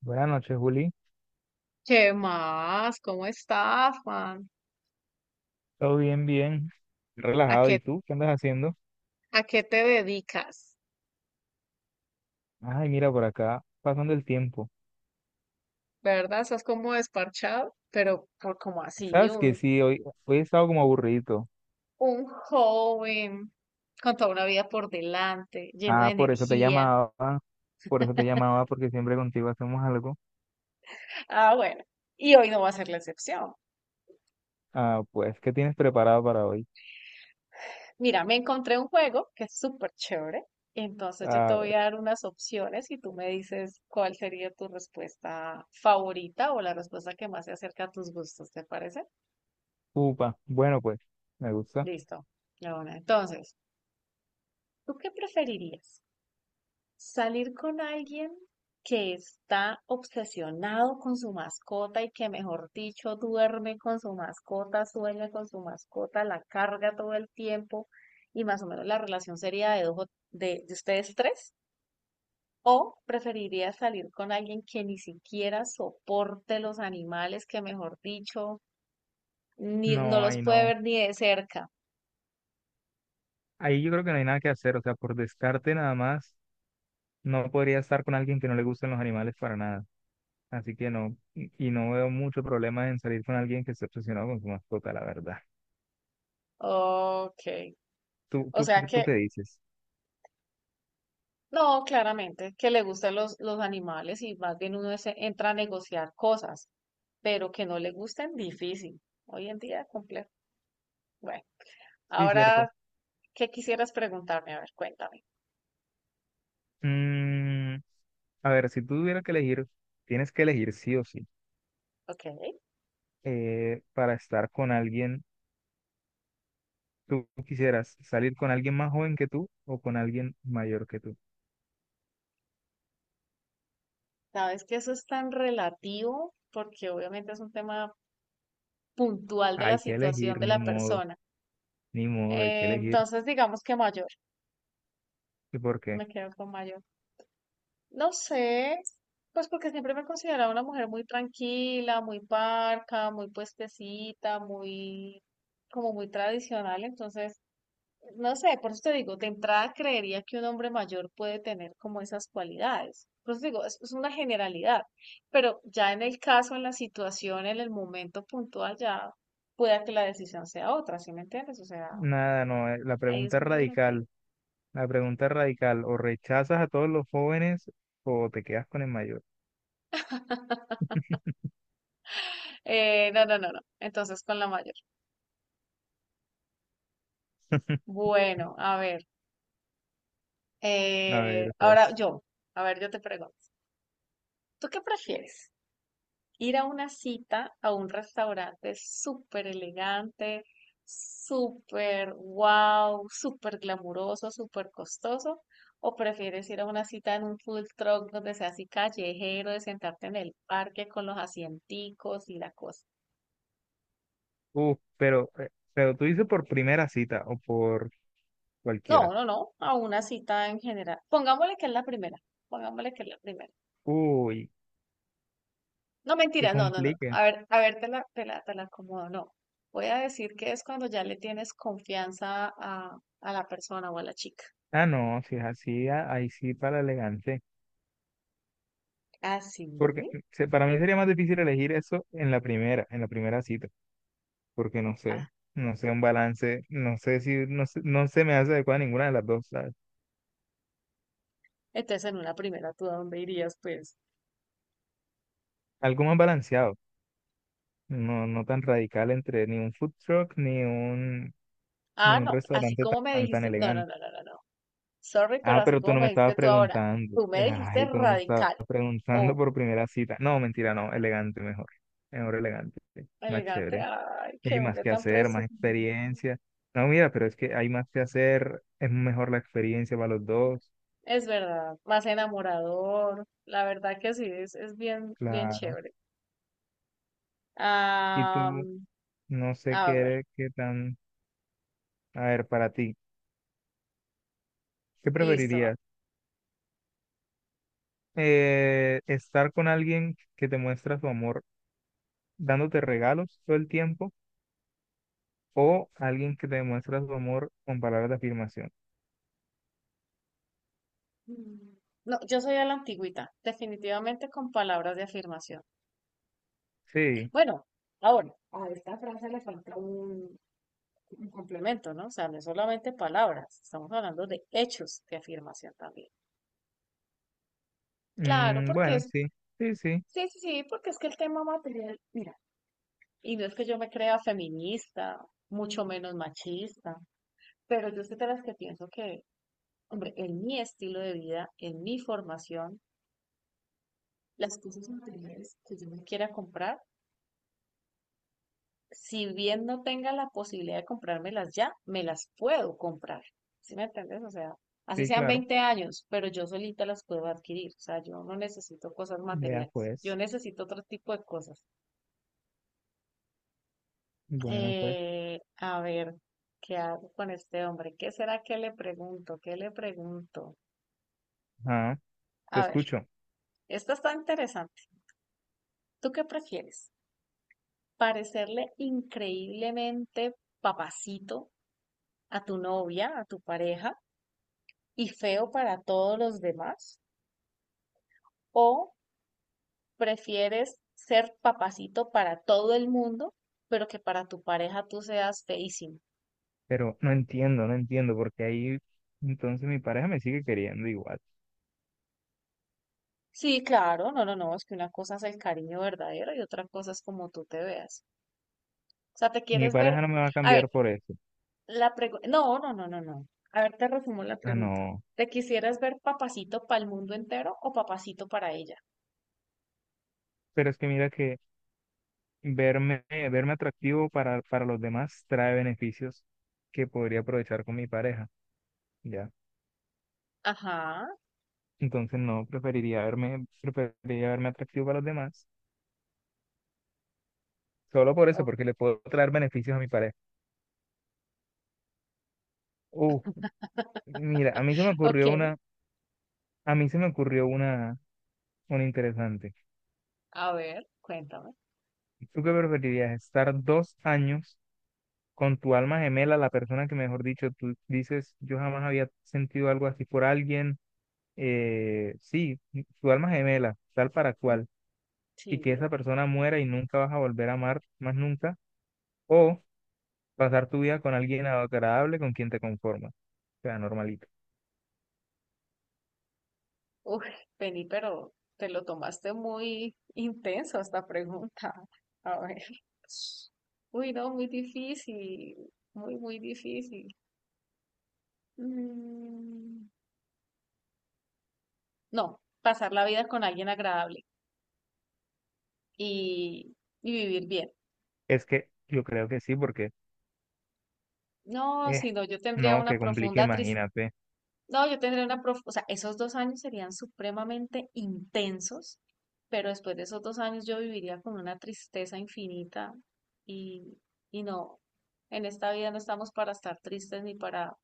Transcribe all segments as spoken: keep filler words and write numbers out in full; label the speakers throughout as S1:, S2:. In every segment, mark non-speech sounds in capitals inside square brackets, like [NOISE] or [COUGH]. S1: Buenas noches, Juli.
S2: ¿Qué más? ¿Cómo estás, Juan?
S1: Todo bien, bien.
S2: ¿A
S1: Relajado.
S2: qué,
S1: ¿Y tú? ¿Qué andas haciendo?
S2: ¿A qué te dedicas?
S1: Ay, mira por acá, pasando el tiempo.
S2: ¿Verdad? Estás como desparchado, pero por como así,
S1: Sabes que
S2: un,
S1: sí, hoy, hoy he estado como aburrido.
S2: un joven con toda una vida por delante, lleno de
S1: Ah, por eso te
S2: energía.
S1: llamaba, por eso te llamaba, porque siempre contigo hacemos algo.
S2: Ah, bueno, y hoy no va a ser la excepción.
S1: Ah, pues, ¿qué tienes preparado para hoy?
S2: Mira, me encontré un juego que es súper chévere. Entonces yo te
S1: Ah,
S2: voy a dar unas opciones y tú me dices cuál sería tu respuesta favorita o la respuesta que más se acerca a tus gustos, ¿te parece?
S1: upa. Bueno, pues, me gusta.
S2: Listo. Ya, bueno, entonces, ¿tú qué preferirías? ¿Salir con alguien que está obsesionado con su mascota y que, mejor dicho, duerme con su mascota, sueña con su mascota, la carga todo el tiempo y más o menos la relación sería de, dos o- de, de ustedes tres? ¿O preferirías salir con alguien que ni siquiera soporte los animales, que, mejor dicho, ni, no
S1: No,
S2: los
S1: ahí
S2: puede
S1: no.
S2: ver ni de cerca?
S1: Ahí yo creo que no hay nada que hacer. O sea, por descarte nada más, no podría estar con alguien que no le gusten los animales para nada. Así que no, y y no veo mucho problema en salir con alguien que esté obsesionado con su mascota, la verdad.
S2: Ok.
S1: ¿Tú,
S2: O
S1: tú,
S2: sea
S1: qué, tú
S2: que
S1: qué dices?
S2: no, claramente, que le gustan los, los animales y más bien uno se entra a negociar cosas, pero que no le gusten, difícil. Hoy en día, complejo. Bueno,
S1: Sí, cierto.
S2: ahora, ¿qué quisieras preguntarme? A ver, cuéntame.
S1: Mm, a ver, si tú tuvieras que elegir, tienes que elegir sí o sí,
S2: Ok.
S1: eh, para estar con alguien, ¿tú quisieras salir con alguien más joven que tú o con alguien mayor que tú?
S2: Sabes que eso es tan relativo porque obviamente es un tema puntual de la
S1: Hay que
S2: situación
S1: elegir,
S2: de
S1: ni
S2: la
S1: modo,
S2: persona.
S1: ni modo, hay que
S2: Eh,
S1: elegir.
S2: entonces, digamos que mayor,
S1: ¿Y por qué?
S2: me quedo con mayor. No sé, pues porque siempre me he considerado una mujer muy tranquila, muy parca, muy puestecita, muy, como muy tradicional. Entonces, no sé, por eso te digo, de entrada creería que un hombre mayor puede tener como esas cualidades. Por eso te digo, es, es una generalidad. Pero ya en el caso, en la situación, en el momento puntual, ya pueda que la decisión sea otra, ¿sí me entiendes? O sea,
S1: Nada, no, eh, la
S2: ahí es
S1: pregunta es
S2: muy relativo.
S1: radical, la pregunta es radical, o rechazas a todos los jóvenes o te quedas con el mayor.
S2: Eh, no, no, no, no. Entonces, con la mayor.
S1: [LAUGHS]
S2: Bueno, a ver.
S1: A
S2: Eh,
S1: ver,
S2: ahora
S1: pues.
S2: yo, a ver, yo te pregunto, ¿tú qué prefieres? ¿Ir a una cita a un restaurante súper elegante, súper wow, súper glamuroso, súper costoso? ¿O prefieres ir a una cita en un food truck donde sea así callejero, de sentarte en el parque con los asienticos y la cosa?
S1: Uf, pero, eh, pero tú dices por primera cita o por
S2: No,
S1: cualquiera.
S2: no, no, a una cita en general. Pongámosle que es la primera, pongámosle que es la primera.
S1: Uy,
S2: No,
S1: que
S2: mentira, no, no, no.
S1: complique.
S2: A ver, a ver, te la, te la, te la acomodo. No. Voy a decir que es cuando ya le tienes confianza a, a la persona o a la chica.
S1: Ah, no, si es así, a- ahí sí para elegante.
S2: Ah, sí.
S1: Porque mm, se- para mí sería más difícil elegir eso en la primera, en la primera cita. Porque no
S2: Ah,
S1: sé, no sé un balance, no sé si, no sé- no se me hace adecuada ninguna de las dos, ¿sabes?
S2: entonces en una primera, ¿tú a dónde irías, pues?
S1: Algo más balanceado, no, no tan radical entre ni un food truck ni un, ni
S2: Ah,
S1: un
S2: no, así
S1: restaurante
S2: como me
S1: tan, tan
S2: dijiste. No, no,
S1: elegante.
S2: no, no, no, no. Sorry, pero
S1: Ah,
S2: así
S1: pero tú
S2: como
S1: no
S2: me
S1: me estabas
S2: dijiste tú ahora.
S1: preguntando.
S2: Tú me dijiste
S1: Ay, tú no me estabas
S2: radical.
S1: [LAUGHS] preguntando
S2: Oh,
S1: por primera cita. No, mentira, no. Elegante mejor. Mejor elegante. Más
S2: elegante.
S1: chévere.
S2: Ay,
S1: Y
S2: qué
S1: hay más
S2: hombre
S1: que
S2: tan
S1: hacer, más
S2: presumido.
S1: experiencia. No, mira, pero es que hay más que hacer. Es mejor la experiencia para los dos.
S2: Es verdad, más enamorador. La verdad que sí, es, es bien, bien
S1: Claro.
S2: chévere.
S1: Y
S2: Ah.
S1: tú, no sé qué,
S2: A ver,
S1: eres- qué tan... A ver, para ti, ¿qué
S2: listo.
S1: preferirías? Eh, ¿estar con alguien que te muestra su amor dándote regalos todo el tiempo o alguien que te muestra su amor con palabras de afirmación?
S2: No, yo soy a la antigüita, definitivamente con palabras de afirmación.
S1: Sí,
S2: Bueno, ahora, a esta frase le falta un, un complemento, ¿no? O sea, no es solamente palabras, estamos hablando de hechos de afirmación también. Claro,
S1: mm,
S2: porque
S1: bueno,
S2: es,
S1: sí, sí, sí,
S2: sí, sí, sí, porque es que el tema material, mira, y no es que yo me crea feminista, mucho menos machista, pero yo soy de las que pienso que, hombre, en mi estilo de vida, en mi formación, las cosas materiales que yo me quiera comprar, si bien no tenga la posibilidad de comprármelas ya, me las puedo comprar. ¿Sí me entiendes? O sea, así
S1: sí,
S2: sean
S1: claro.
S2: veinte años, pero yo solita las puedo adquirir. O sea, yo no necesito cosas
S1: Vea
S2: materiales. Yo
S1: pues,
S2: necesito otro tipo de cosas.
S1: bueno pues,
S2: Eh, a ver, ¿qué hago con este hombre? ¿Qué será que le pregunto? ¿Qué le pregunto?
S1: ajá,
S2: A
S1: te
S2: ver,
S1: escucho,
S2: esta está interesante. ¿Tú qué prefieres? ¿Parecerle increíblemente papacito a tu novia, a tu pareja y feo para todos los demás? ¿O prefieres ser papacito para todo el mundo, pero que para tu pareja tú seas feísimo?
S1: pero no entiendo, no entiendo, porque ahí entonces mi pareja me sigue queriendo igual.
S2: Sí, claro, no, no, no, es que una cosa es el cariño verdadero y otra cosa es como tú te veas. O sea, te
S1: Y mi
S2: quieres ver.
S1: pareja no me va a
S2: A
S1: cambiar
S2: ver,
S1: por eso.
S2: la pregunta. No, no, no, no, no. A ver, te resumo la
S1: Ah,
S2: pregunta.
S1: no,
S2: ¿Te quisieras ver papacito para el mundo entero o papacito para ella?
S1: pero es que mira que verme, verme atractivo para, para los demás trae beneficios que podría aprovechar con mi pareja, ya.
S2: Ajá,
S1: Entonces no, preferiría verme, preferiría verme atractivo para los demás, solo por eso,
S2: o-
S1: porque le puedo traer beneficios a mi pareja. Uf, mira, a mí se me
S2: ok.
S1: ocurrió una, a mí se me ocurrió una, una interesante.
S2: A ver, cuéntame.
S1: ¿Tú qué preferirías? ¿Estar dos años con tu alma gemela, la persona que mejor dicho tú dices, yo jamás había sentido algo así por alguien? eh, sí, tu alma gemela, tal para cual, y que
S2: Sí,
S1: esa persona muera y nunca vas a volver a amar más nunca, o pasar tu vida con alguien agradable con quien te conformas, o sea, normalito.
S2: uy, Penny, pero te lo tomaste muy intenso esta pregunta. [LAUGHS] A ver. Uy, no, muy difícil. Muy, muy difícil. Mm, no, pasar la vida con alguien agradable y, y vivir bien.
S1: Es que yo creo que sí, porque,
S2: No,
S1: eh,
S2: sino yo tendría
S1: no,
S2: una
S1: que complique,
S2: profunda tristeza.
S1: imagínate.
S2: No, yo tendría una prof, o sea, esos dos años serían supremamente intensos, pero después de esos dos años yo viviría con una tristeza infinita y, y no, en esta vida no estamos para estar tristes ni para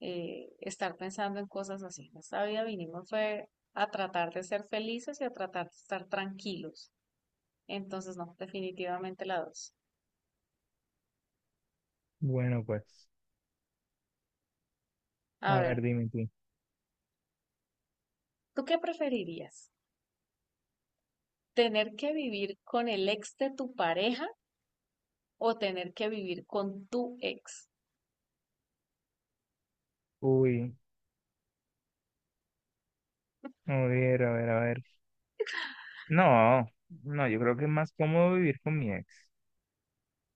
S2: eh, estar pensando en cosas así. En esta vida vinimos fue a tratar de ser felices y a tratar de estar tranquilos. Entonces, no, definitivamente la dos.
S1: Bueno, pues.
S2: A
S1: A
S2: ver,
S1: ver, dime tú.
S2: ¿tú qué preferirías? ¿Tener que vivir con el ex de tu pareja o tener que vivir con tu ex?
S1: Uy, a ver, a ver, a ver. No, no, yo creo que es más cómodo vivir con mi ex.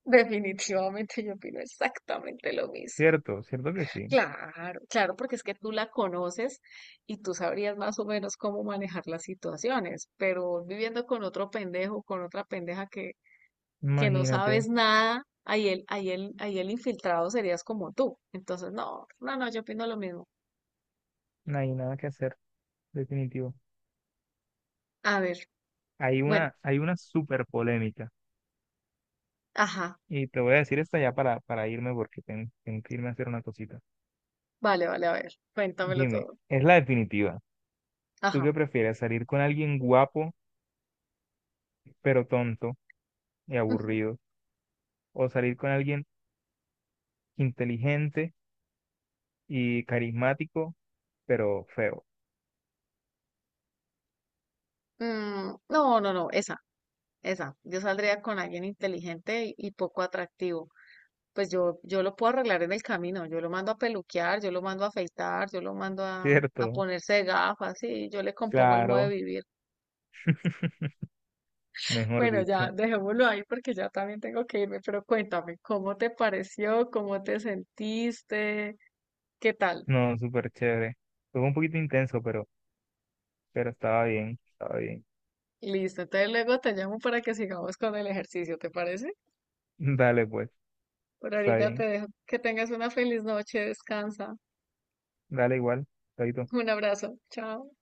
S2: Definitivamente yo opino exactamente lo mismo.
S1: Cierto, cierto que sí.
S2: Claro, claro, porque es que tú la conoces y tú sabrías más o menos cómo manejar las situaciones, pero viviendo con otro pendejo, con otra pendeja que, que no
S1: Imagínate,
S2: sabes nada, ahí el, ahí el, ahí el infiltrado serías como tú. Entonces, no, no, no, yo opino lo mismo.
S1: no hay nada que hacer, definitivo.
S2: A ver,
S1: Hay
S2: bueno,
S1: una, hay una súper polémica.
S2: ajá,
S1: Y te voy a decir esta ya para, para irme porque tengo, tengo que irme a hacer una cosita.
S2: vale, vale, a ver, cuéntamelo
S1: Dime,
S2: todo.
S1: es la definitiva. ¿Tú
S2: Ajá.
S1: qué prefieres? ¿Salir con alguien guapo, pero tonto y
S2: Ujú.
S1: aburrido? ¿O salir con alguien inteligente y carismático, pero feo?
S2: Mm, no, no, no, esa. Esa, yo saldría con alguien inteligente y, y poco atractivo. Pues yo, yo lo puedo arreglar en el camino, yo lo mando a peluquear, yo lo mando a afeitar, yo lo mando
S1: [LAUGHS]
S2: a, a
S1: ¿Cierto?
S2: ponerse gafas, y yo le compongo el modo de
S1: Claro,
S2: vivir.
S1: [LAUGHS] mejor
S2: Bueno, ya
S1: dicho.
S2: dejémoslo ahí porque ya también tengo que irme, pero cuéntame, ¿cómo te pareció? ¿Cómo te sentiste? ¿Qué tal?
S1: No, súper chévere. Fue un poquito intenso, pero, pero estaba bien, estaba bien.
S2: Listo, entonces luego te llamo para que sigamos con el ejercicio, ¿te parece?
S1: [LAUGHS] Dale, pues,
S2: Por
S1: está
S2: ahorita te
S1: bien.
S2: dejo que tengas una feliz noche, descansa.
S1: Dale igual. Chaito.
S2: Un abrazo, chao.